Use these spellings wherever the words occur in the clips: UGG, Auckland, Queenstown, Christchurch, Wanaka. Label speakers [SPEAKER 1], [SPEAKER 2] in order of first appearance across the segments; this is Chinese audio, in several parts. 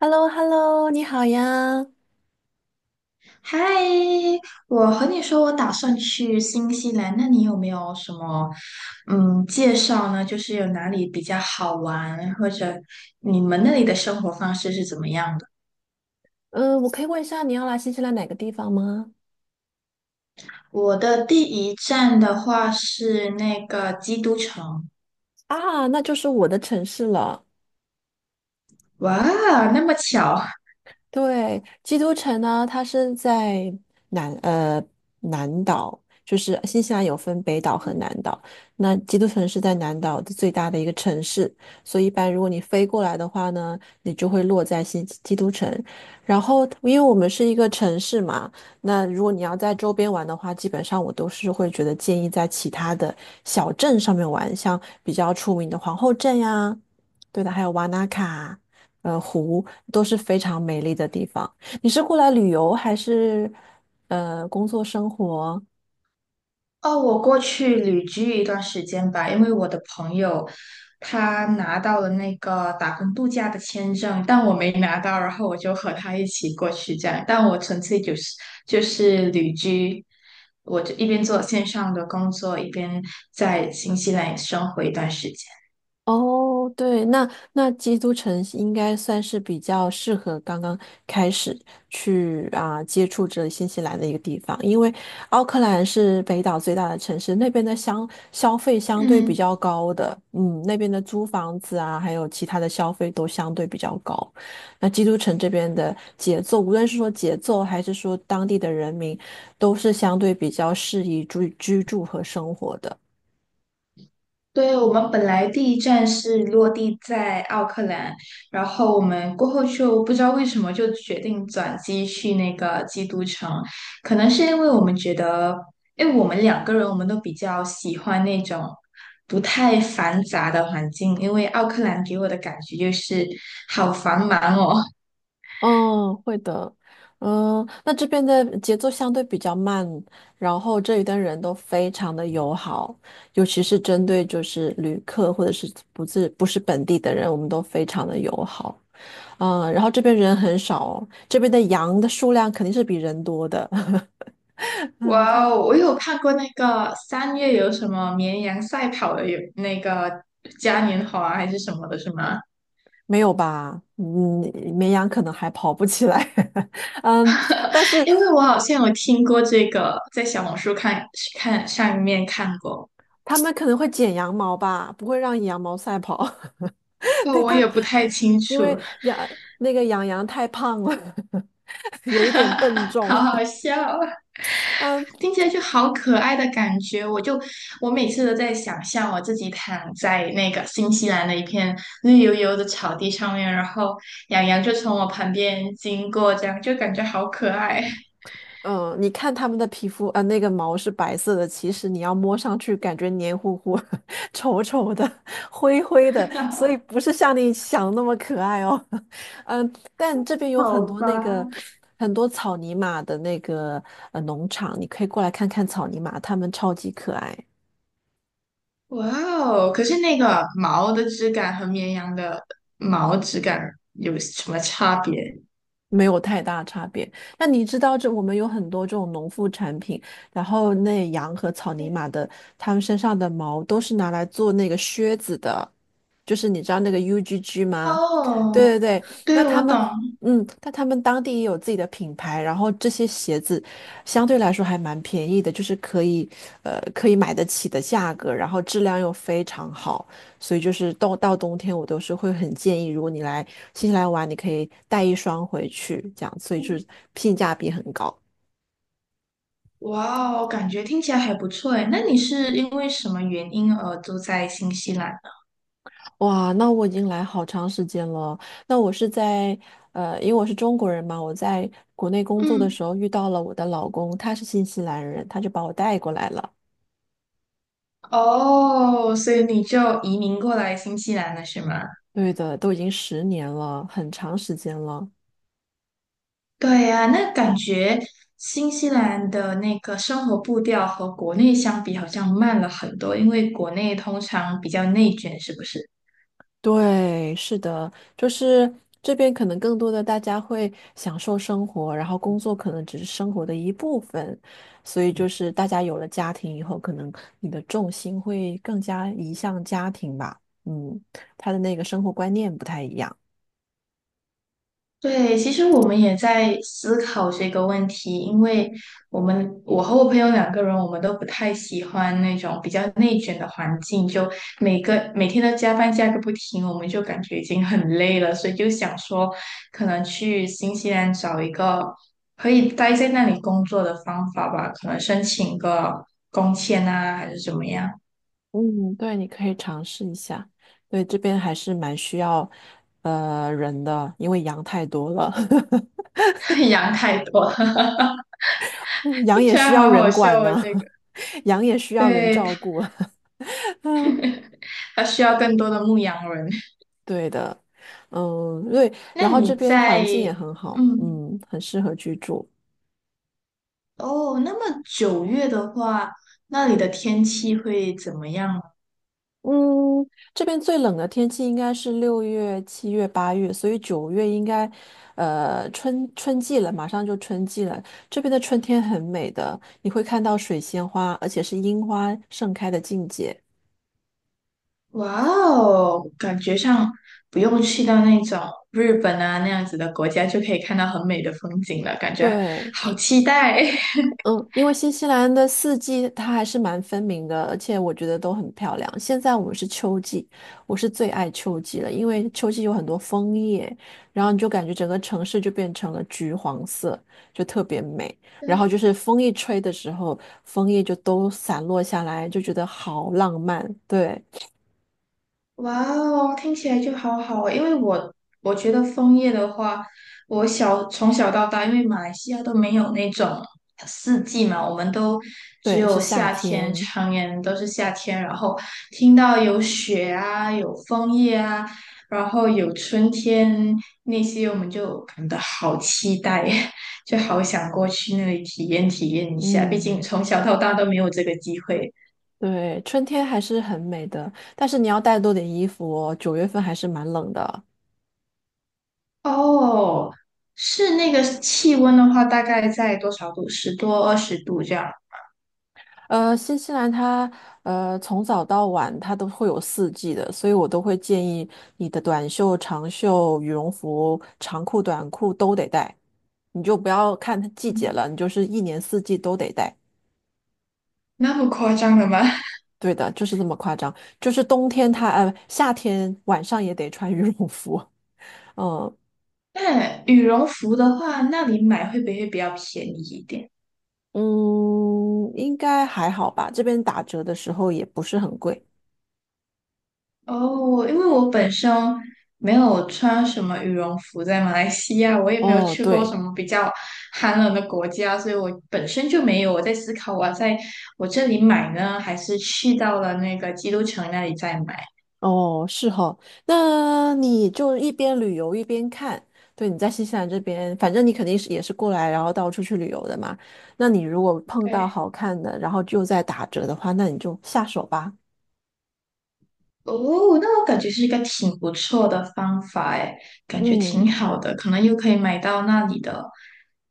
[SPEAKER 1] h e l l o h e l l o 你好呀。
[SPEAKER 2] 嗨，我和你说，我打算去新西兰，那你有没有什么介绍呢？就是有哪里比较好玩，或者你们那里的生活方式是怎么样的？
[SPEAKER 1] 嗯，我可以问一下你要来新西兰哪个地方吗？
[SPEAKER 2] 我的第一站的话是那个基督城。
[SPEAKER 1] 啊，那就是我的城市了。
[SPEAKER 2] 哇，那么巧。
[SPEAKER 1] 对，基督城呢，它是在南呃南岛，就是新西兰有分北岛和南岛。那基督城是在南岛的最大的一个城市，所以一般如果你飞过来的话呢，你就会落在新基督城。然后，因为我们是一个城市嘛，那如果你要在周边玩的话，基本上我都是会觉得建议在其他的小镇上面玩，像比较出名的皇后镇呀，对的，还有瓦纳卡。湖，都是非常美丽的地方。你是过来旅游还是工作生活？
[SPEAKER 2] 哦，我过去旅居一段时间吧，因为我的朋友他拿到了那个打工度假的签证，但我没拿到，然后我就和他一起过去这样，但我纯粹就是旅居，我就一边做线上的工作，一边在新西兰也生活一段时间。
[SPEAKER 1] 哦，对，那基督城应该算是比较适合刚刚开始去啊、接触这新西兰的一个地方，因为奥克兰是北岛最大的城市，那边的消费相对比
[SPEAKER 2] 嗯。
[SPEAKER 1] 较高的。嗯，那边的租房子啊，还有其他的消费都相对比较高。那基督城这边的节奏，无论是说节奏还是说当地的人民，都是相对比较适宜居住和生活的。
[SPEAKER 2] 对，我们本来第一站是落地在奥克兰，然后我们过后就不知道为什么就决定转机去那个基督城。可能是因为我们觉得，因为我们两个人都比较喜欢那种不太繁杂的环境，因为奥克兰给我的感觉就是好繁忙哦。
[SPEAKER 1] 嗯，会的。那这边的节奏相对比较慢，然后这里的人都非常的友好，尤其是针对就是旅客或者是不是本地的人，我们都非常的友好。然后这边人很少哦，这边的羊的数量肯定是比人多的。嗯，它
[SPEAKER 2] 哇哦，我有看过那个三月有什么绵羊赛跑的，有那个嘉年华还是什么的，是吗？
[SPEAKER 1] 没有吧？嗯，绵羊可能还跑不起来。嗯，但是
[SPEAKER 2] 因为我好像有听过这个，在小红书看上面看过。
[SPEAKER 1] 他们可能会剪羊毛吧，不会让羊毛赛跑。
[SPEAKER 2] 不 过
[SPEAKER 1] 对，
[SPEAKER 2] 我也不太清
[SPEAKER 1] 因
[SPEAKER 2] 楚。
[SPEAKER 1] 为杨那个杨羊太胖了，有一点笨 重。
[SPEAKER 2] 好好笑啊，
[SPEAKER 1] 嗯
[SPEAKER 2] 听起来就好可爱的感觉。我每次都在想象我自己躺在那个新西兰的一片绿油油的草地上面，然后羊羊就从我旁边经过，这样就感觉好可爱。
[SPEAKER 1] 嗯，你看他们的皮肤，那个毛是白色的，其实你要摸上去，感觉黏糊糊、稠稠的、灰灰的，所以不是像你想那么可爱哦。嗯，但这边有
[SPEAKER 2] 好吧。
[SPEAKER 1] 很多草泥马的农场，你可以过来看看草泥马，它们超级可爱。
[SPEAKER 2] 哇哦！可是那个毛的质感和绵羊的毛质感有什么差别？
[SPEAKER 1] 没有太大差别。那你知道我们有很多这种农副产品，然后那羊和草泥马的，它们身上的毛都是拿来做那个靴子的，就是你知道那个 UGG 吗？
[SPEAKER 2] 哦，
[SPEAKER 1] 对对对，
[SPEAKER 2] 对，
[SPEAKER 1] 那
[SPEAKER 2] 我
[SPEAKER 1] 他
[SPEAKER 2] 懂。
[SPEAKER 1] 们。但他们当地也有自己的品牌，然后这些鞋子相对来说还蛮便宜的，就是可以买得起的价格，然后质量又非常好。所以就是到冬天，我都是会很建议，如果你来新西兰玩，你可以带一双回去，这样，所以就是性价比很高。
[SPEAKER 2] 哇哦，感觉听起来还不错诶。那你是因为什么原因而住在新西兰呢？
[SPEAKER 1] 哇，那我已经来好长时间了。那我是因为我是中国人嘛，我在国内工作的
[SPEAKER 2] 嗯。
[SPEAKER 1] 时候遇到了我的老公，他是新西兰人，他就把我带过来了。
[SPEAKER 2] 哦，所以你就移民过来新西兰了，是吗？
[SPEAKER 1] 对的，都已经10年了，很长时间了。
[SPEAKER 2] 对呀，那感觉新西兰的那个生活步调和国内相比，好像慢了很多，因为国内通常比较内卷，是不是？
[SPEAKER 1] 对，是的，就是这边可能更多的大家会享受生活，然后工作可能只是生活的一部分，所以就是大家有了家庭以后，可能你的重心会更加移向家庭吧。嗯，他的那个生活观念不太一样。
[SPEAKER 2] 对，其实我们也在思考这个问题，因为我和我朋友两个人，我们都不太喜欢那种比较内卷的环境，就每天都加班加个不停，我们就感觉已经很累了，所以就想说，可能去新西兰找一个可以待在那里工作的方法吧，可能申请个工签啊，还是怎么样。
[SPEAKER 1] 嗯，对，你可以尝试一下。对，这边还是蛮需要人的，因为羊太多了，
[SPEAKER 2] 羊太多了。
[SPEAKER 1] 羊
[SPEAKER 2] 听
[SPEAKER 1] 也
[SPEAKER 2] 起来
[SPEAKER 1] 需要
[SPEAKER 2] 好好
[SPEAKER 1] 人管
[SPEAKER 2] 笑啊！
[SPEAKER 1] 呢，
[SPEAKER 2] 这个，
[SPEAKER 1] 羊也需要人
[SPEAKER 2] 对，
[SPEAKER 1] 照顾。
[SPEAKER 2] 它需要更多的牧羊人。
[SPEAKER 1] 对的，嗯，对，然
[SPEAKER 2] 那
[SPEAKER 1] 后
[SPEAKER 2] 你
[SPEAKER 1] 这边环
[SPEAKER 2] 在，
[SPEAKER 1] 境也很好，
[SPEAKER 2] 嗯，
[SPEAKER 1] 很适合居住。
[SPEAKER 2] 哦，那么九月的话，那里的天气会怎么样呢？
[SPEAKER 1] 嗯，这边最冷的天气应该是6月、7月、8月，所以九月应该，春季了，马上就春季了。这边的春天很美的，你会看到水仙花，而且是樱花盛开的境界。
[SPEAKER 2] 哇哦，感觉上不用去到那种日本啊那样子的国家，就可以看到很美的风景了，感觉
[SPEAKER 1] 对，
[SPEAKER 2] 好期待。
[SPEAKER 1] 嗯，因为新西兰的四季它还是蛮分明的，而且我觉得都很漂亮。现在我们是秋季，我是最爱秋季了，因为秋季有很多枫叶，然后你就感觉整个城市就变成了橘黄色，就特别美。然后就
[SPEAKER 2] 对。
[SPEAKER 1] 是风一吹的时候，枫叶就都散落下来，就觉得好浪漫。对，
[SPEAKER 2] 哇哦，听起来就好好哦，因为我觉得枫叶的话，从小到大，因为马来西亚都没有那种四季嘛，我们都只
[SPEAKER 1] 对，是
[SPEAKER 2] 有
[SPEAKER 1] 夏
[SPEAKER 2] 夏天，
[SPEAKER 1] 天。
[SPEAKER 2] 常年都是夏天。然后听到有雪啊，有枫叶啊，然后有春天那些，我们就感到好期待。就好想过去那里体验体验一下，毕竟
[SPEAKER 1] 嗯，
[SPEAKER 2] 从小到大都没有这个机会。
[SPEAKER 1] 对，春天还是很美的，但是你要带多点衣服哦，9月份还是蛮冷的。
[SPEAKER 2] 哦，是那个气温的话，大概在多少度？十多、二十度这样。
[SPEAKER 1] 新西兰它从早到晚它都会有四季的，所以我都会建议你的短袖、长袖、羽绒服、长裤、短裤都得带，你就不要看它季节了，
[SPEAKER 2] 嗯
[SPEAKER 1] 你就是一年四季都得带。
[SPEAKER 2] 那么夸张的吗？
[SPEAKER 1] 对的，就是这么夸张，就是冬天它呃夏天晚上也得穿羽绒服，嗯
[SPEAKER 2] 那羽绒服的话，那里买会不会比较便宜一点？
[SPEAKER 1] 嗯，应该还好吧，这边打折的时候也不是很贵。
[SPEAKER 2] 哦，因为我本身没有穿什么羽绒服，在马来西亚，我也没有
[SPEAKER 1] 哦，
[SPEAKER 2] 去过什
[SPEAKER 1] 对，
[SPEAKER 2] 么比较寒冷的国家，所以我本身就没有。我在思考，我要在我这里买呢，还是去到了那个基督城那里再买？
[SPEAKER 1] 哦，是哈，那你就一边旅游一边看。对，你在新西兰这边，反正你肯定是也是过来，然后到处去旅游的嘛。那你如果碰到
[SPEAKER 2] 对。
[SPEAKER 1] 好看的，然后就在打折的话，那你就下手吧。
[SPEAKER 2] 哦，那我感觉是一个挺不错的方法哎，感觉
[SPEAKER 1] 嗯，
[SPEAKER 2] 挺好的，可能又可以买到那里的，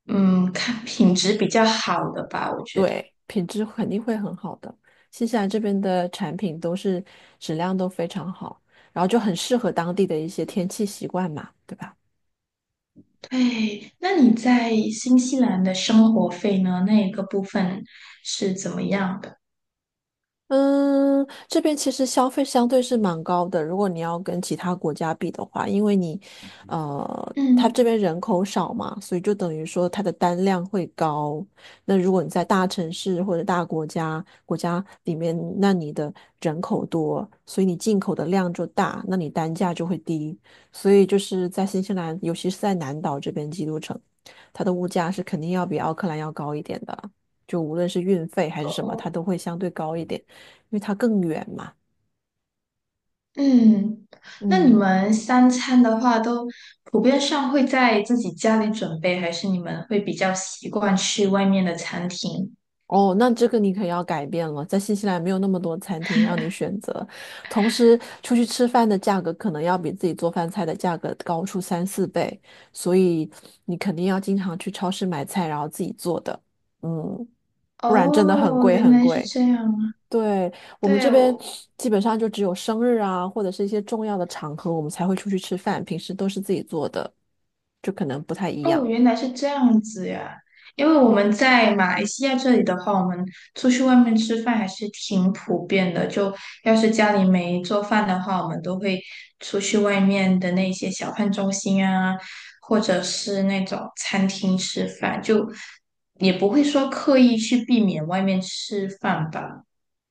[SPEAKER 2] 嗯，看品质比较好的吧，我觉得。
[SPEAKER 1] 对，品质肯定会很好的。新西兰这边的产品都是质量都非常好，然后就很适合当地的一些天气习惯嘛，对吧？
[SPEAKER 2] 对，那你在新西兰的生活费呢？那一个部分是怎么样的？
[SPEAKER 1] 嗯，这边其实消费相对是蛮高的，如果你要跟其他国家比的话，因为它
[SPEAKER 2] 嗯。
[SPEAKER 1] 这边人口少嘛，所以就等于说它的单量会高。那如果你在大城市或者大国家里面，那你的人口多，所以你进口的量就大，那你单价就会低。所以就是在新西兰，尤其是在南岛这边基督城，它的物价是肯定要比奥克兰要高一点的，就无论是运费还是
[SPEAKER 2] 哦
[SPEAKER 1] 什么，它
[SPEAKER 2] 哦。
[SPEAKER 1] 都会相对高一点。因为它更远嘛。
[SPEAKER 2] 嗯，那你
[SPEAKER 1] 嗯，
[SPEAKER 2] 们三餐的话，都普遍上会在自己家里准备，还是你们会比较习惯去外面的餐厅？
[SPEAKER 1] 哦，那这个你可要改变了，在新西兰没有那么多餐厅让你选择，同时出去吃饭的价格可能要比自己做饭菜的价格高出三四倍，所以你肯定要经常去超市买菜，然后自己做的，嗯，不然真的很
[SPEAKER 2] 哦，
[SPEAKER 1] 贵
[SPEAKER 2] 原
[SPEAKER 1] 很
[SPEAKER 2] 来是
[SPEAKER 1] 贵。
[SPEAKER 2] 这样。
[SPEAKER 1] 对，我们
[SPEAKER 2] 对，
[SPEAKER 1] 这边
[SPEAKER 2] 我。
[SPEAKER 1] 基本上就只有生日啊，或者是一些重要的场合，我们才会出去吃饭，平时都是自己做的，就可能不太一
[SPEAKER 2] 哦，
[SPEAKER 1] 样。
[SPEAKER 2] 原来是这样子呀。因为我们在马来西亚这里的话，我们出去外面吃饭还是挺普遍的。就要是家里没做饭的话，我们都会出去外面的那些小饭中心啊，或者是那种餐厅吃饭，就也不会说刻意去避免外面吃饭吧。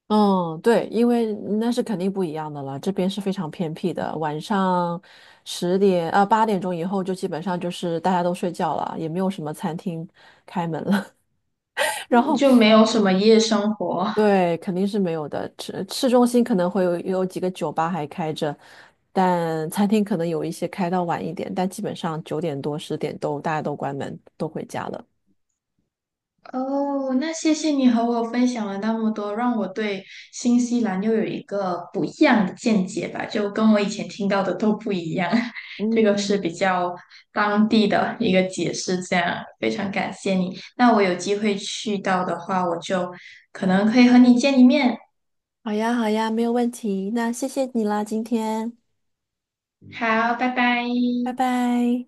[SPEAKER 1] 嗯，对，因为那是肯定不一样的了。这边是非常偏僻的，晚上十点啊8点钟以后就基本上就是大家都睡觉了，也没有什么餐厅开门了。然
[SPEAKER 2] 嗯
[SPEAKER 1] 后
[SPEAKER 2] 就没有什么夜生活。
[SPEAKER 1] 对，肯定是没有的。市中心可能会有几个酒吧还开着，但餐厅可能有一些开到晚一点，但基本上9点多十点都大家都关门，都回家了。
[SPEAKER 2] 哦，那谢谢你和我分享了那么多，让我对新西兰又有一个不一样的见解吧，就跟我以前听到的都不一样。这个是
[SPEAKER 1] 嗯，
[SPEAKER 2] 比较当地的一个解释，这样非常感谢你。那我有机会去到的话，我就可能可以和你见一面。
[SPEAKER 1] 好呀，好呀，没有问题。那谢谢你啦，今天，
[SPEAKER 2] 好，拜拜。
[SPEAKER 1] 拜拜。